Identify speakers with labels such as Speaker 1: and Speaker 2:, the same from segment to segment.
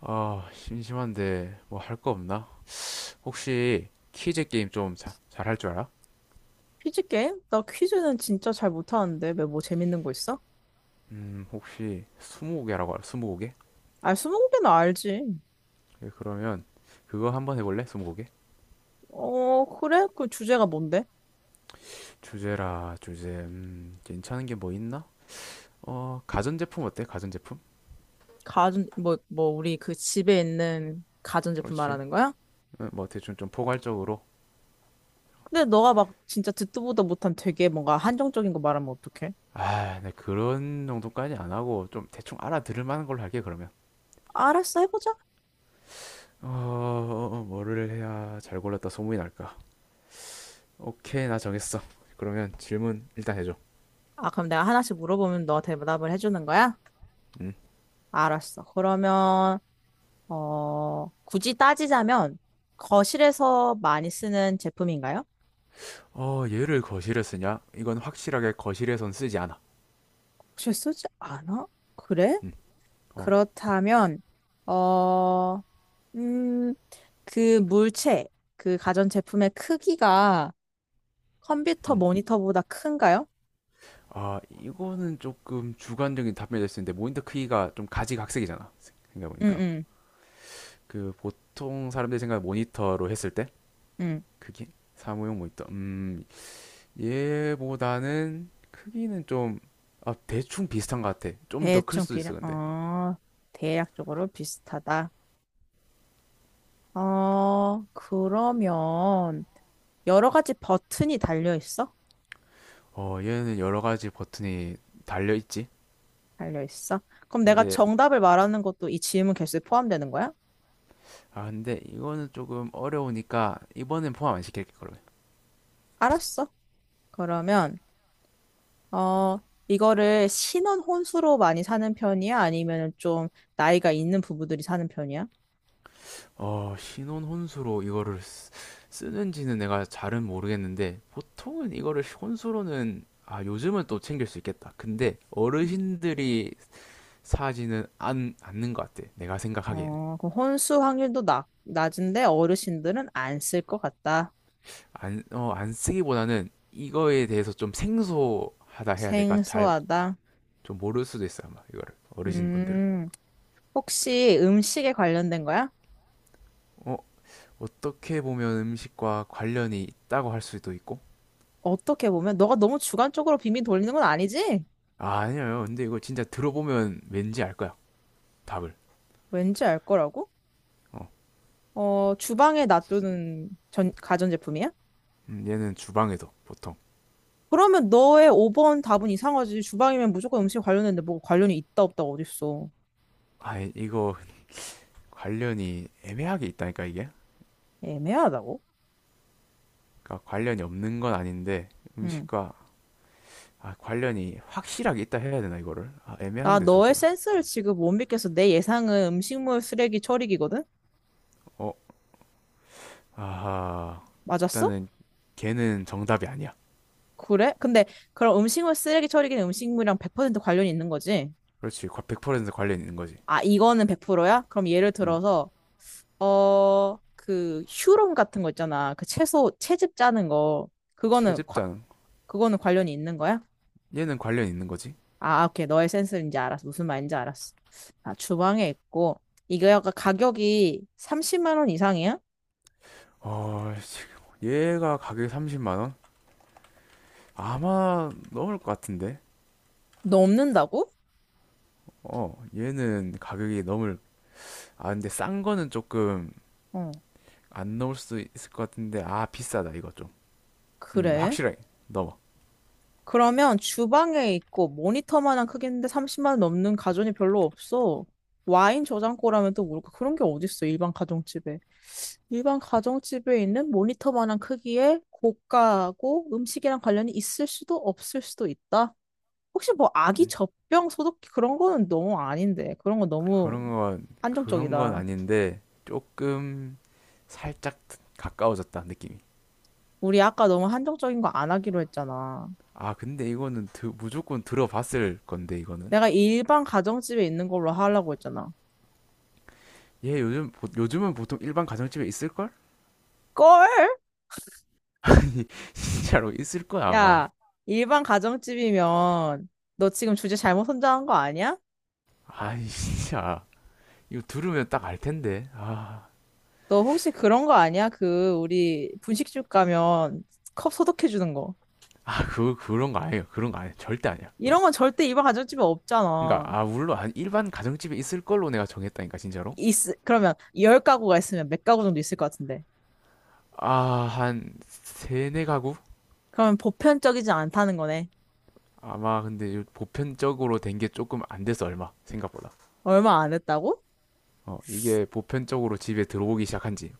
Speaker 1: 아, 심심한데 뭐 할 거 없나? 혹시 퀴즈 게임 좀 잘 할 줄 알아?
Speaker 2: 퀴즈 게임? 나 퀴즈는 진짜 잘 못하는데 왜 뭐 재밌는 거 있어?
Speaker 1: 혹시 스무고개라고 알아? 스무고개?
Speaker 2: 아, 스무고개는 알지.
Speaker 1: 예, 그러면 그거 한번 해볼래? 스무고개?
Speaker 2: 어, 그래? 그 주제가 뭔데?
Speaker 1: 주제라 주제. 괜찮은 게 뭐 있나? 가전제품 어때? 가전제품?
Speaker 2: 가전, 뭐, 우리 그 집에 있는 가전제품
Speaker 1: 그렇지.
Speaker 2: 말하는 거야?
Speaker 1: 뭐 대충 좀 포괄적으로.
Speaker 2: 근데 너가 막 진짜 듣도 보도 못한 되게 뭔가 한정적인 거 말하면 어떡해?
Speaker 1: 아, 네 그런 정도까지 안 하고 좀 대충 알아들을 만한 걸로 할게 그러면.
Speaker 2: 알았어, 해보자.
Speaker 1: 뭐를 해야 잘 골랐다 소문이 날까? 오케이, 나 정했어. 그러면 질문 일단 해줘.
Speaker 2: 아, 그럼 내가 하나씩 물어보면 너 대답을 해주는 거야?
Speaker 1: 음.
Speaker 2: 알았어. 그러면, 어, 굳이 따지자면 거실에서 많이 쓰는 제품인가요?
Speaker 1: 얘를 거실에 쓰냐? 이건 확실하게 거실에선 쓰지 않아.
Speaker 2: 거실 쓰지 않아? 그래?
Speaker 1: 음, 어,
Speaker 2: 그렇다면, 어, 음, 그 물체, 그 가전제품의 크기가 컴퓨터
Speaker 1: 음.
Speaker 2: 모니터보다 큰가요?
Speaker 1: 아, 이거는 조금 주관적인 답변이 될 수 있는데 모니터 크기가 좀 가지각색이잖아.
Speaker 2: 응,
Speaker 1: 생각해보니까.
Speaker 2: 응,
Speaker 1: 그 보통 사람들이 생각하는 모니터로 했을 때
Speaker 2: 응.
Speaker 1: 크기? 사무용 모니터. 얘보다는 크기는 좀, 아, 대충 비슷한 것 같아. 좀 더 클
Speaker 2: 대충
Speaker 1: 수도
Speaker 2: 비례,
Speaker 1: 있어, 근데.
Speaker 2: 대략적으로 비슷하다. 어, 그러면, 여러 가지 버튼이 달려 있어?
Speaker 1: 얘는 여러 가지 버튼이 달려있지.
Speaker 2: 달려 있어? 그럼 내가
Speaker 1: 근데,
Speaker 2: 정답을 말하는 것도 이 질문 개수에 포함되는 거야?
Speaker 1: 근데 이거는 조금 어려우니까 이번엔 포함 안 시킬게, 그러면.
Speaker 2: 알았어. 그러면, 어, 이거를 신혼 혼수로 많이 사는 편이야? 아니면 좀 나이가 있는 부부들이 사는 편이야?
Speaker 1: 신혼 혼수로 쓰는지는 내가 잘은 모르겠는데 보통은 이거를 혼수로는 아, 요즘은 또 챙길 수 있겠다. 근데 어르신들이 사지는 안, 않는 것 같아. 내가 생각하기엔.
Speaker 2: 어, 그럼 혼수 확률도 낮은데 어르신들은 안 쓸 것 같다.
Speaker 1: 안 쓰기보다는 이거에 대해서 좀 생소하다 해야 될까? 잘
Speaker 2: 생소하다.
Speaker 1: 좀 모를 수도 있어, 아마 이거를. 어르신분들은.
Speaker 2: 음, 혹시 음식에 관련된 거야?
Speaker 1: 어, 어떻게 보면 음식과 관련이 있다고 할 수도 있고.
Speaker 2: 어떻게 보면 너가 너무 주관적으로 빙빙 돌리는 건 아니지?
Speaker 1: 아, 아니에요. 근데 이거 진짜 들어보면 왠지 알 거야. 답을.
Speaker 2: 왠지 알 거라고?
Speaker 1: 어.
Speaker 2: 어, 주방에 놔두는 가전제품이야?
Speaker 1: 얘는 주방에도 보통.
Speaker 2: 그러면 너의 5번 답은 이상하지. 주방이면 무조건 음식 관련했는데 뭐 관련이 있다 없다 어딨어.
Speaker 1: 아, 이- 거 관련이 애매하게 있다니까 이게.
Speaker 2: 애매하다고?
Speaker 1: 그러니까 관련이 없는 건 아닌데
Speaker 2: 응.
Speaker 1: 음식과 아, 관련이 확실하게 있다 해야 되나 이거를? 아,
Speaker 2: 나
Speaker 1: 애매한데
Speaker 2: 너의
Speaker 1: 조금.
Speaker 2: 센스를 지금 못 믿겠어. 내 예상은 음식물 쓰레기 처리기거든?
Speaker 1: 어, 아하.
Speaker 2: 맞았어?
Speaker 1: 일단은 걔는 정답이 아니야.
Speaker 2: 그래? 근데 그럼 음식물 쓰레기 처리기는 음식물이랑 100% 관련이 있는 거지?
Speaker 1: 그렇지. 100% 관련 있는 거지.
Speaker 2: 아, 이거는 100%야? 그럼 예를
Speaker 1: 음.
Speaker 2: 들어서 어, 그 휴롬 같은 거 있잖아. 그 채소 채즙 짜는 거. 그거는 과-
Speaker 1: 채집장.
Speaker 2: 그거는 관련이 있는 거야?
Speaker 1: 얘는 관련 있는 거지.
Speaker 2: 아, 오케이. 너의 센스인지 알았어. 무슨 말인지 알았어. 아, 주방에 있고 이거 약간 가격이 30만 원 이상이야?
Speaker 1: 지금 얘가 가격이 30만 원? 아마 넘을 것 같은데.
Speaker 2: 넘는다고?
Speaker 1: 얘는 가격이 넘을 아, 근데 싼 거는 조금
Speaker 2: 어.
Speaker 1: 안 넣을 수 있을 것 같은데 아 비싸다 이거 좀
Speaker 2: 그래?
Speaker 1: 확실하게 넘어
Speaker 2: 그러면 주방에 있고 모니터만한 크기인데 30만 원 넘는 가전이 별로 없어. 와인 저장고라면 또 모를까? 그런 게 어딨어, 일반 가정집에. 일반 가정집에 있는 모니터만한 크기의 고가하고 음식이랑 관련이 있을 수도 없을 수도 있다. 혹시 뭐 아기
Speaker 1: 음,
Speaker 2: 젖병 소독기 그런 거는 너무 아닌데. 그런 거 너무
Speaker 1: 그런 건
Speaker 2: 한정적이다.
Speaker 1: 아닌데 조금 살짝 가까워졌다 느낌이
Speaker 2: 우리 아까 너무 한정적인 거 안 하기로 했잖아.
Speaker 1: 아 근데 이거는 무조건 들어봤을 건데 이거는
Speaker 2: 내가 일반 가정집에 있는 걸로 하려고 했잖아.
Speaker 1: 얘 요즘은 보통 일반 가정집에 있을걸?
Speaker 2: 걸!
Speaker 1: 아니 진짜로 있을 거야 아마
Speaker 2: 야, 일반 가정집이면 너 지금 주제 잘못 선정한 거 아니야?
Speaker 1: 아니 진짜 이거 들으면 딱 알 텐데 아,
Speaker 2: 너 혹시 그런 거 아니야? 그 우리 분식집 가면 컵 소독해 주는 거.
Speaker 1: 아 그런 거 아니에요 그런 거 아니에요 절대 아니야 그런
Speaker 2: 이런
Speaker 1: 거.
Speaker 2: 건 절대 일반 가정집에
Speaker 1: 그러니까
Speaker 2: 없잖아.
Speaker 1: 아 물론 한 일반 가정집에 있을 걸로 내가 정했다니까 진짜로
Speaker 2: 있, 그러면 열 가구가 있으면 몇 가구 정도 있을 것 같은데.
Speaker 1: 아, 한 세네 가구?
Speaker 2: 그러면 보편적이지 않다는 거네.
Speaker 1: 아마 근데 보편적으로 된 게 조금 안 돼서 얼마 생각보다.
Speaker 2: 얼마 안 했다고?
Speaker 1: 이게 보편적으로 집에 들어오기 시작한 지.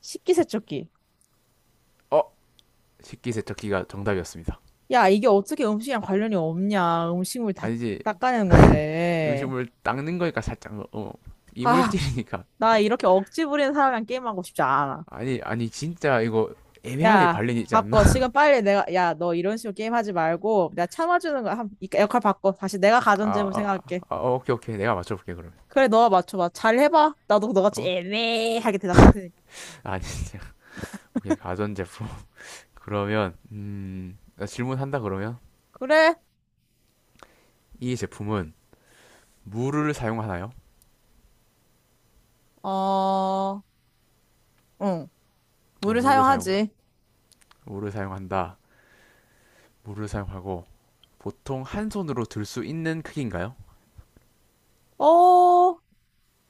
Speaker 2: 식기 세척기.
Speaker 1: 어, 식기세척기가 정답이었습니다.
Speaker 2: 야, 이게 어떻게 음식이랑 관련이 없냐. 음식물 다
Speaker 1: 아니지,
Speaker 2: 닦아내는 건데.
Speaker 1: 음식물 닦는 거니까 살짝
Speaker 2: 아,
Speaker 1: 이물질이니까.
Speaker 2: 나 이렇게 억지 부리는 사람이랑 게임하고 싶지 않아.
Speaker 1: 아니, 아니 진짜 이거 애매하게
Speaker 2: 야,
Speaker 1: 관련이 있지 않나?
Speaker 2: 바꿔. 지금 빨리 내가, 야, 너 이런 식으로 게임하지 말고, 내가 참아주는 거야. 한- 이 역할 바꿔. 다시 내가 가전
Speaker 1: 아,
Speaker 2: 제물
Speaker 1: 아,
Speaker 2: 생각할게.
Speaker 1: 오케이, 오케이. 내가 맞춰볼게 그러면.
Speaker 2: 그래, 너가 맞춰봐. 잘 해봐. 나도 너같이
Speaker 1: 어,
Speaker 2: 애매하게 대답할 테니까.
Speaker 1: 아니 진짜. 오케이, 가전제품. 그러면 나 질문한다 그러면
Speaker 2: 그래,
Speaker 1: 이 제품은 물을 사용하나요?
Speaker 2: 어, 응. 물을
Speaker 1: 물을 사용,
Speaker 2: 사용하지.
Speaker 1: 물을 사용한다. 물을 사용하고 보통 한 손으로 들 수 있는 크기인가요?
Speaker 2: 어,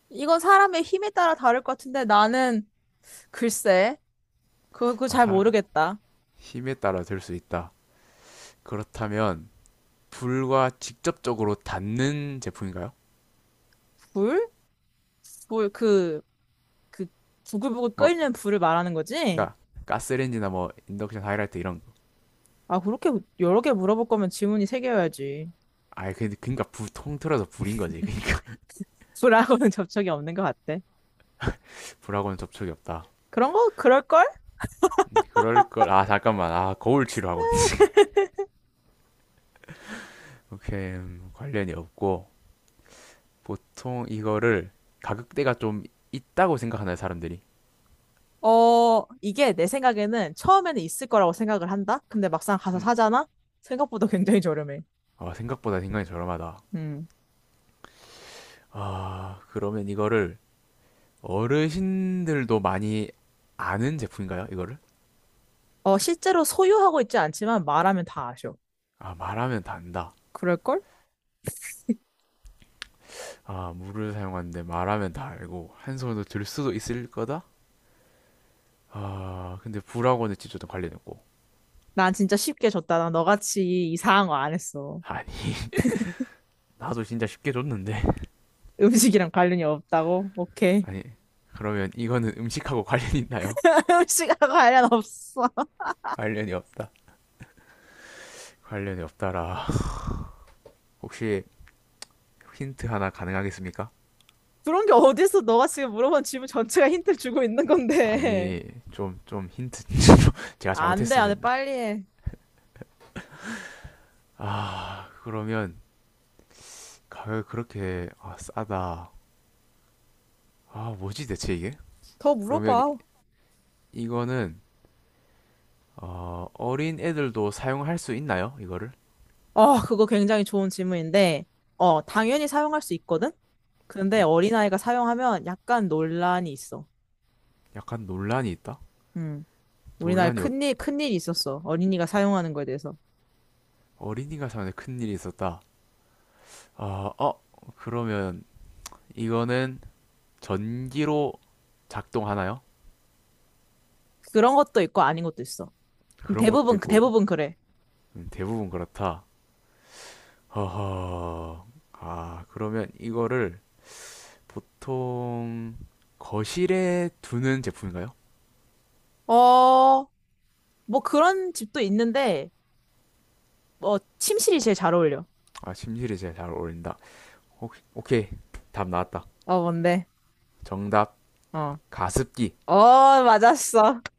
Speaker 2: 이건 사람의 힘에 따라 다를 것 같은데, 나는, 글쎄, 그거
Speaker 1: 아,
Speaker 2: 잘 모르겠다.
Speaker 1: 힘에 따라 들 수 있다. 그렇다면 불과 직접적으로 닿는 제품인가요?
Speaker 2: 불? 불, 그 부글부글
Speaker 1: 뭐,
Speaker 2: 끓는 불을 말하는 거지?
Speaker 1: 그러니까 가스레인지나 뭐 인덕션 하이라이트 이런.
Speaker 2: 아, 그렇게 여러 개 물어볼 거면 지문이 세 개여야지.
Speaker 1: 아 근데 그러니까 불 통틀어서 불인 거지. 그러니까
Speaker 2: 불하고는 접촉이 없는 것 같아.
Speaker 1: 불하고는 접촉이 없다.
Speaker 2: 그런 거 그럴걸?
Speaker 1: 그럴 걸. 아 잠깐만. 아 거울 치료하고 있 오케이 관련이 없고 보통 이거를 가격대가 좀 있다고 생각하나요 사람들이?
Speaker 2: 어, 이게 내 생각에는 처음에는 있을 거라고 생각을 한다? 근데 막상 가서
Speaker 1: 음,
Speaker 2: 사잖아? 생각보다 굉장히 저렴해.
Speaker 1: 아, 생각보다 굉장히 저렴하다.
Speaker 2: 음.
Speaker 1: 아, 그러면 이거를 어르신들도 많이 아는 제품인가요? 이거를?
Speaker 2: 어, 실제로 소유하고 있지 않지만 말하면 다 아셔.
Speaker 1: 아, 말하면 다 안다.
Speaker 2: 그럴걸?
Speaker 1: 아, 물을 사용하는데 말하면 다 알고 한 손으로 들 수도 있을 거다? 아, 근데 불하고는 진짜 관련 없고.
Speaker 2: 난 진짜 쉽게 줬다. 난 너같이 이상한 거 안 했어.
Speaker 1: 아니, 나도 진짜 쉽게 줬는데.
Speaker 2: 음식이랑 관련이 없다고? 오케이.
Speaker 1: 아니, 그러면 이거는 음식하고 관련이 있나요?
Speaker 2: 음식하고 관련 없어.
Speaker 1: 관련이 없다. 관련이 없다라. 혹시 힌트 하나 가능하겠습니까?
Speaker 2: 그런 게 어딨어. 너가 지금 물어본 질문 전체가 힌트를 주고 있는 건데.
Speaker 1: 아니, 좀 힌트. 제가
Speaker 2: 안 돼,
Speaker 1: 잘못했으면
Speaker 2: 안 돼.
Speaker 1: 됩니다.
Speaker 2: 빨리 해.
Speaker 1: 아, 그러면 가격 그렇게 아, 싸다. 아, 뭐지 대체 이게?
Speaker 2: 더
Speaker 1: 그러면
Speaker 2: 물어봐.
Speaker 1: 이거는 어린 애들도 사용할 수 있나요? 이거를?
Speaker 2: 어, 그거 굉장히 좋은 질문인데, 어, 당연히 사용할 수 있거든? 근데
Speaker 1: 음,
Speaker 2: 어린아이가 사용하면 약간 논란이 있어.
Speaker 1: 약간 논란이 있다.
Speaker 2: 음, 우리나라에
Speaker 1: 논란이
Speaker 2: 큰일이 있었어. 어린이가 사용하는 거에 대해서.
Speaker 1: 어린이가 사용데 큰일이 있었다. 아, 어, 그러면 이거는 전기로 작동하나요?
Speaker 2: 그런 것도 있고 아닌 것도 있어. 근데
Speaker 1: 그런 것도
Speaker 2: 대부분,
Speaker 1: 있고
Speaker 2: 대부분 그래.
Speaker 1: 대부분 그렇다. 허허. 아, 그러면 이거를 보통 거실에 두는 제품인가요?
Speaker 2: 어, 뭐 그런 집도 있는데, 뭐, 침실이 제일 잘 어울려.
Speaker 1: 아, 심실이 제일 잘 어울린다. 오, 오케이. 답 나왔다.
Speaker 2: 어, 뭔데?
Speaker 1: 정답,
Speaker 2: 어.
Speaker 1: 가습기.
Speaker 2: 어, 맞았어.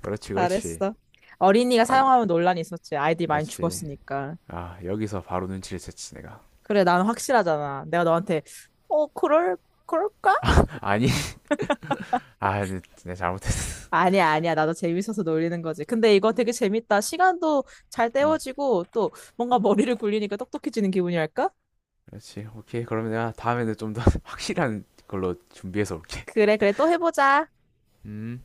Speaker 1: 그렇지, 그렇지.
Speaker 2: 잘했어. 어린이가
Speaker 1: 나는
Speaker 2: 사용하면 논란이 있었지. 아이들이 많이
Speaker 1: 그렇지.
Speaker 2: 죽었으니까.
Speaker 1: 아, 여기서 바로 눈치를 챘지, 내가.
Speaker 2: 그래, 난 확실하잖아. 내가 너한테, 어, 그럴까?
Speaker 1: 아니, 아, 네, 내가 잘못했어.
Speaker 2: 아니야, 아니야. 나도 재밌어서 놀리는 거지. 근데 이거 되게 재밌다. 시간도 잘
Speaker 1: 음,
Speaker 2: 때워지고, 또 뭔가 머리를 굴리니까 똑똑해지는 기분이랄까?
Speaker 1: 그렇지. 오케이. 그러면 내가 다음에는 좀 더 확실한 걸로 준비해서 올게.
Speaker 2: 그래, 그래. 또 해보자.
Speaker 1: 음.